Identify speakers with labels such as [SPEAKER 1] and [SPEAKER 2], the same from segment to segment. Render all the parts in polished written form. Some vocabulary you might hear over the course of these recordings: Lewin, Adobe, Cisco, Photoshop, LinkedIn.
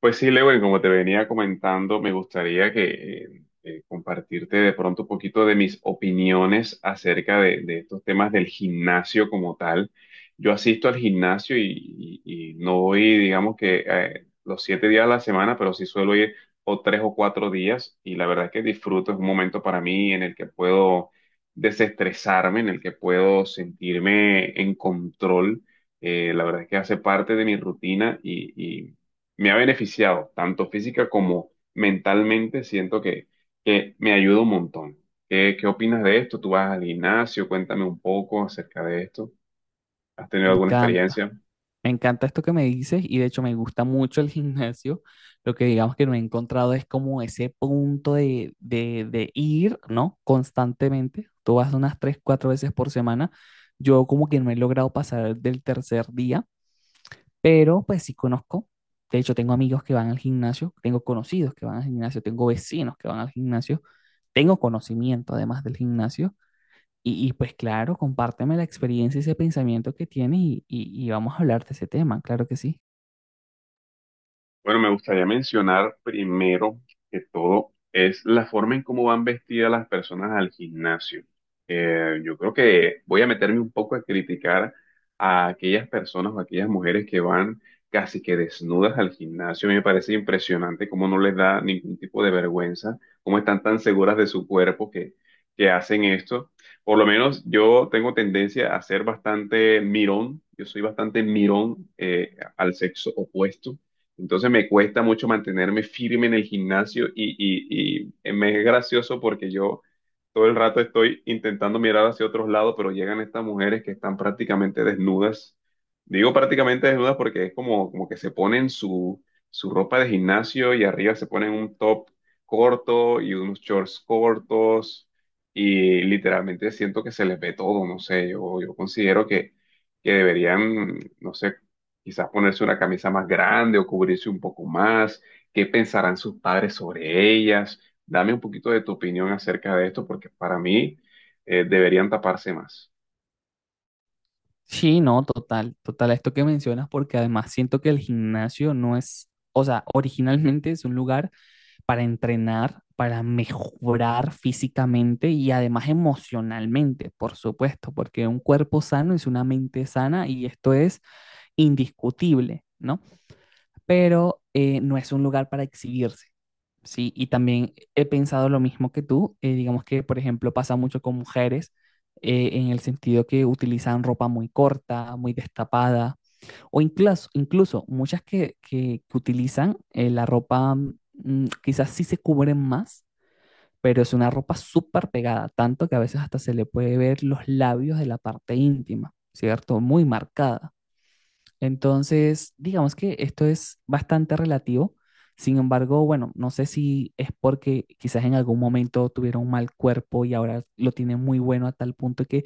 [SPEAKER 1] Pues sí, Lewin, como te venía comentando, me gustaría que compartirte de pronto un poquito de mis opiniones acerca de estos temas del gimnasio como tal. Yo asisto al gimnasio y no voy, digamos que los 7 días a la semana, pero sí suelo ir o 3 o 4 días y la verdad es que disfruto, es un momento para mí en el que puedo desestresarme, en el que puedo sentirme en control. La verdad es que hace parte de mi rutina y me ha beneficiado, tanto física como mentalmente, siento que me ayuda un montón. Qué opinas de esto? ¿Tú vas al gimnasio? Cuéntame un poco acerca de esto. ¿Has tenido
[SPEAKER 2] Me
[SPEAKER 1] alguna
[SPEAKER 2] encanta,
[SPEAKER 1] experiencia?
[SPEAKER 2] me encanta esto que me dices y de hecho me gusta mucho el gimnasio. Lo que digamos que no he encontrado es como ese punto de ir, ¿no? Constantemente. Tú vas unas tres, cuatro veces por semana. Yo como que no he logrado pasar del tercer día, pero pues sí conozco. De hecho, tengo amigos que van al gimnasio, tengo conocidos que van al gimnasio, tengo vecinos que van al gimnasio, tengo conocimiento además del gimnasio. Pues claro, compárteme la experiencia y ese pensamiento que tienes y vamos a hablar de ese tema, claro que sí.
[SPEAKER 1] Bueno, me gustaría mencionar primero que todo es la forma en cómo van vestidas las personas al gimnasio. Yo creo que voy a meterme un poco a criticar a aquellas personas o aquellas mujeres que van casi que desnudas al gimnasio. Me parece impresionante cómo no les da ningún tipo de vergüenza, cómo están tan seguras de su cuerpo que hacen esto. Por lo menos yo tengo tendencia a ser bastante mirón. Yo soy bastante mirón al sexo opuesto. Entonces me cuesta mucho mantenerme firme en el gimnasio y me es gracioso porque yo todo el rato estoy intentando mirar hacia otros lados, pero llegan estas mujeres que están prácticamente desnudas. Digo prácticamente desnudas porque es como que se ponen su ropa de gimnasio y arriba se ponen un top corto y unos shorts cortos y literalmente siento que se les ve todo, no sé, yo considero que deberían, no sé, quizás ponerse una camisa más grande o cubrirse un poco más. ¿Qué pensarán sus padres sobre ellas? Dame un poquito de tu opinión acerca de esto, porque para mí deberían taparse más.
[SPEAKER 2] Sí, no, total, total, esto que mencionas, porque además siento que el gimnasio no es, o sea, originalmente es un lugar para entrenar, para mejorar físicamente y además emocionalmente, por supuesto, porque un cuerpo sano es una mente sana y esto es indiscutible, ¿no? Pero no es un lugar para exhibirse. Sí, y también he pensado lo mismo que tú. Digamos que, por ejemplo, pasa mucho con mujeres en el sentido que utilizan ropa muy corta, muy destapada, o incluso, incluso muchas que utilizan la ropa, quizás sí se cubren más, pero es una ropa súper pegada, tanto que a veces hasta se le puede ver los labios de la parte íntima, ¿cierto? Muy marcada. Entonces, digamos que esto es bastante relativo. Sin embargo, bueno, no sé si es porque quizás en algún momento tuvieron un mal cuerpo y ahora lo tienen muy bueno a tal punto que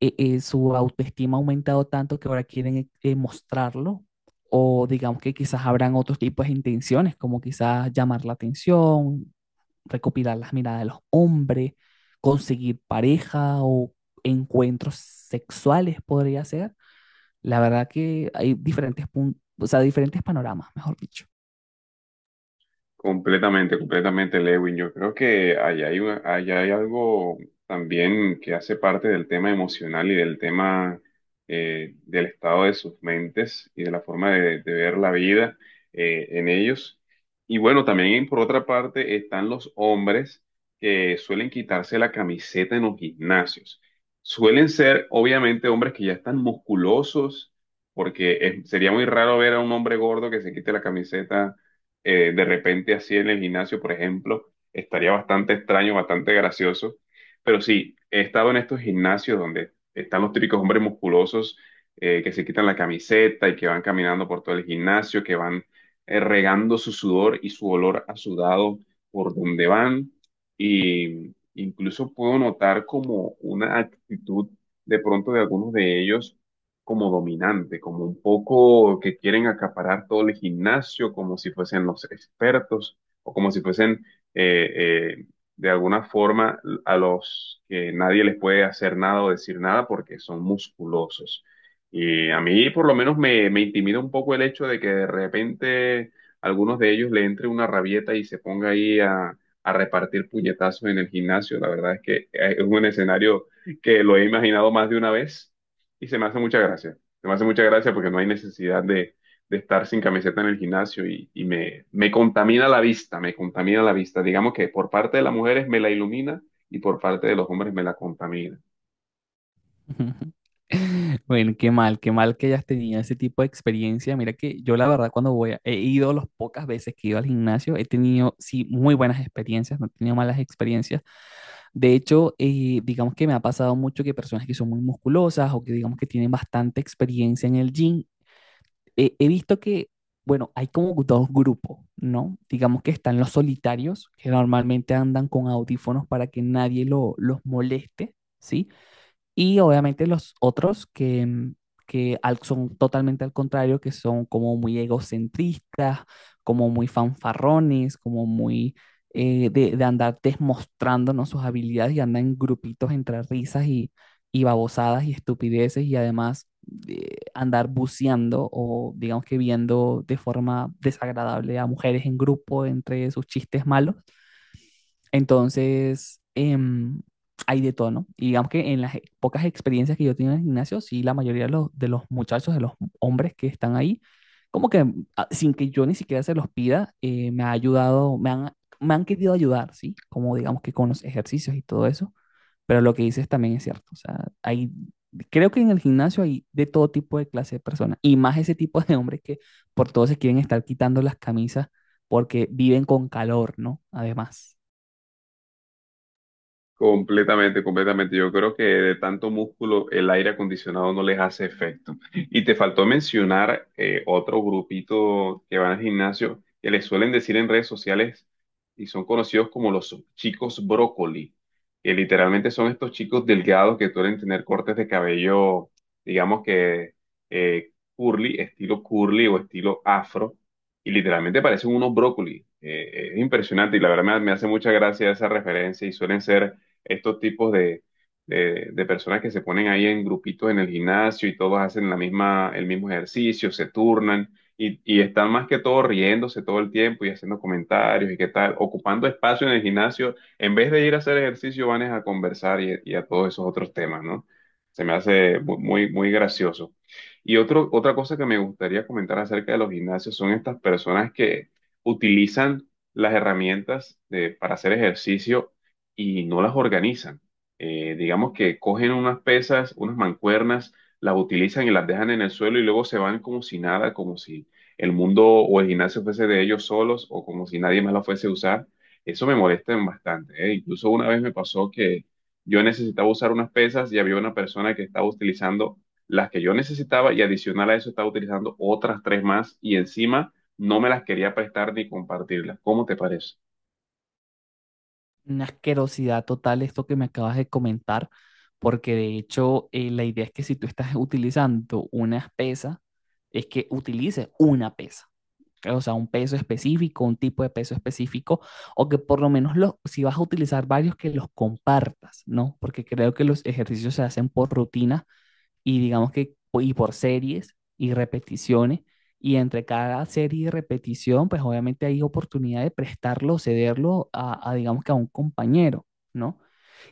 [SPEAKER 2] su autoestima ha aumentado tanto que ahora quieren mostrarlo. O digamos que quizás habrán otros tipos de intenciones, como quizás llamar la atención, recopilar las miradas de los hombres, conseguir pareja o encuentros sexuales podría ser. La verdad que hay diferentes puntos, o sea, diferentes panoramas, mejor dicho.
[SPEAKER 1] Completamente, completamente, Lewin. Yo creo que allá hay algo también que hace parte del tema emocional y del tema del estado de sus mentes y de la forma de ver la vida en ellos. Y bueno, también por otra parte están los hombres que suelen quitarse la camiseta en los gimnasios. Suelen ser, obviamente, hombres que ya están musculosos, porque sería muy raro ver a un hombre gordo que se quite la camiseta de repente así en el gimnasio, por ejemplo, estaría bastante extraño, bastante gracioso. Pero sí, he estado en estos gimnasios donde están los típicos hombres musculosos que se quitan la camiseta y que van caminando por todo el gimnasio, que van regando su sudor y su olor a sudado por donde van. Y incluso puedo notar como una actitud de pronto de algunos de ellos como dominante, como un poco que quieren acaparar todo el gimnasio, como si fuesen los expertos o como si fuesen eh, eh, de alguna forma a los que nadie les puede hacer nada o decir nada porque son musculosos. Y a mí por lo menos me intimida un poco el hecho de que de repente algunos de ellos le entre una rabieta y se ponga ahí a repartir puñetazos en el gimnasio. La verdad es que es un escenario que lo he imaginado más de una vez y se me hace mucha gracia. Se me hace mucha gracia porque no hay necesidad de estar sin camiseta en el gimnasio y me contamina la vista, me contamina la vista. Digamos que por parte de las mujeres me la ilumina y por parte de los hombres me la contamina.
[SPEAKER 2] Bueno, qué mal que hayas tenido ese tipo de experiencia. Mira que yo la verdad cuando voy, he ido las pocas veces que he ido al gimnasio, he tenido, sí, muy buenas experiencias, no he tenido malas experiencias. De hecho, digamos que me ha pasado mucho que personas que son muy musculosas o que digamos que tienen bastante experiencia en el gym he visto que, bueno, hay como dos grupos, ¿no? Digamos que están los solitarios, que normalmente andan con audífonos para que nadie los moleste, ¿sí? Y obviamente los otros que, que son totalmente al contrario, que son como muy egocentristas, como muy fanfarrones, como muy de andar demostrándonos sus habilidades y andan en grupitos entre risas y babosadas y estupideces y además andar buceando o digamos que viendo de forma desagradable a mujeres en grupo entre sus chistes malos. Entonces, hay de todo, ¿no? Y digamos que en las pocas experiencias que yo he tenido en el gimnasio, sí, la mayoría de los muchachos, de los hombres que están ahí, como que sin que yo ni siquiera se los pida, me ha ayudado, me han querido ayudar, ¿sí? Como digamos que con los ejercicios y todo eso. Pero lo que dices también es cierto. O sea, hay, creo que en el gimnasio hay de todo tipo de clase de personas. Y más ese tipo de hombres que por todo se quieren estar quitando las camisas porque viven con calor, ¿no? Además.
[SPEAKER 1] Completamente, completamente. Yo creo que de tanto músculo el aire acondicionado no les hace efecto. Y te faltó mencionar otro grupito que van al gimnasio que les suelen decir en redes sociales y son conocidos como los chicos brócoli, que literalmente son estos chicos delgados que suelen tener cortes de cabello, digamos que curly, estilo curly o estilo afro, y literalmente parecen unos brócoli. Es impresionante y la verdad me hace mucha gracia esa referencia y suelen ser estos tipos de personas que se ponen ahí en grupitos en el gimnasio y todos hacen la misma, el mismo ejercicio, se turnan y están más que todo riéndose todo el tiempo y haciendo comentarios y qué tal, ocupando espacio en el gimnasio. En vez de ir a hacer ejercicio, van es a conversar y a todos esos otros temas, ¿no? Se me hace muy, muy gracioso. Y otra cosa que me gustaría comentar acerca de los gimnasios son estas personas que utilizan las herramientas para hacer ejercicio y no las organizan. Digamos que cogen unas pesas, unas mancuernas, las utilizan y las dejan en el suelo y luego se van como si nada, como si el mundo o el gimnasio fuese de ellos solos o como si nadie más la fuese a usar. Eso me molesta bastante, ¿eh? Incluso una vez me pasó que yo necesitaba usar unas pesas y había una persona que estaba utilizando las que yo necesitaba y adicional a eso estaba utilizando otras tres más y encima no me las quería prestar ni compartirlas. ¿Cómo te parece?
[SPEAKER 2] Una asquerosidad total esto que me acabas de comentar, porque de hecho la idea es que si tú estás utilizando una pesa es que utilices una pesa, ¿ok? O sea, un peso específico, un tipo de peso específico, o que por lo menos los, si vas a utilizar varios, que los compartas, ¿no? Porque creo que los ejercicios se hacen por rutina y digamos que y por series y repeticiones. Y entre cada serie y repetición, pues obviamente hay oportunidad de prestarlo o cederlo a, digamos que a un compañero, ¿no?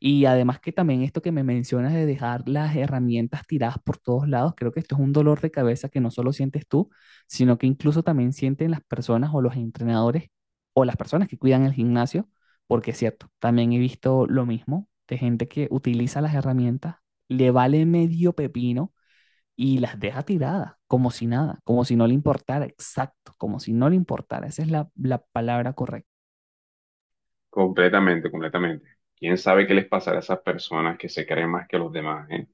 [SPEAKER 2] Y además que también esto que me mencionas de dejar las herramientas tiradas por todos lados, creo que esto es un dolor de cabeza que no solo sientes tú, sino que incluso también sienten las personas o los entrenadores o las personas que cuidan el gimnasio, porque es cierto, también he visto lo mismo de gente que utiliza las herramientas, le vale medio pepino y las deja tiradas, como si nada, como si no le importara, exacto, como si no le importara, esa es la, la palabra correcta.
[SPEAKER 1] Completamente, completamente. ¿Quién sabe qué les pasará a esas personas que se creen más que los demás, eh?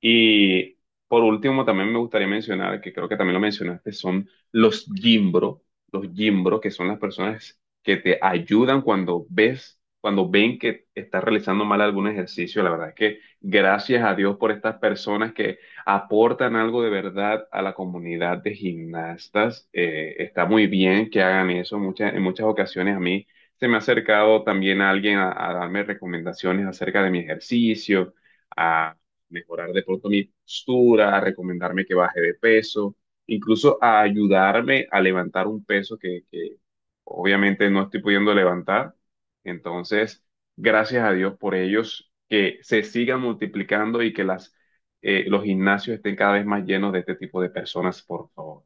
[SPEAKER 1] Y por último, también me gustaría mencionar, que creo que también lo mencionaste, son los gimbro, que son las personas que te ayudan cuando ves, cuando ven que estás realizando mal algún ejercicio. La verdad es que gracias a Dios por estas personas que aportan algo de verdad a la comunidad de gimnastas. Está muy bien que hagan eso. Muchas, en muchas ocasiones a mí se me ha acercado también alguien a darme recomendaciones acerca de mi ejercicio, mejorar de pronto mi postura, a recomendarme que baje de peso, incluso a ayudarme a levantar un peso que obviamente no estoy pudiendo levantar. Entonces, gracias a Dios por ellos, que se sigan multiplicando y que los gimnasios estén cada vez más llenos de este tipo de personas, por favor.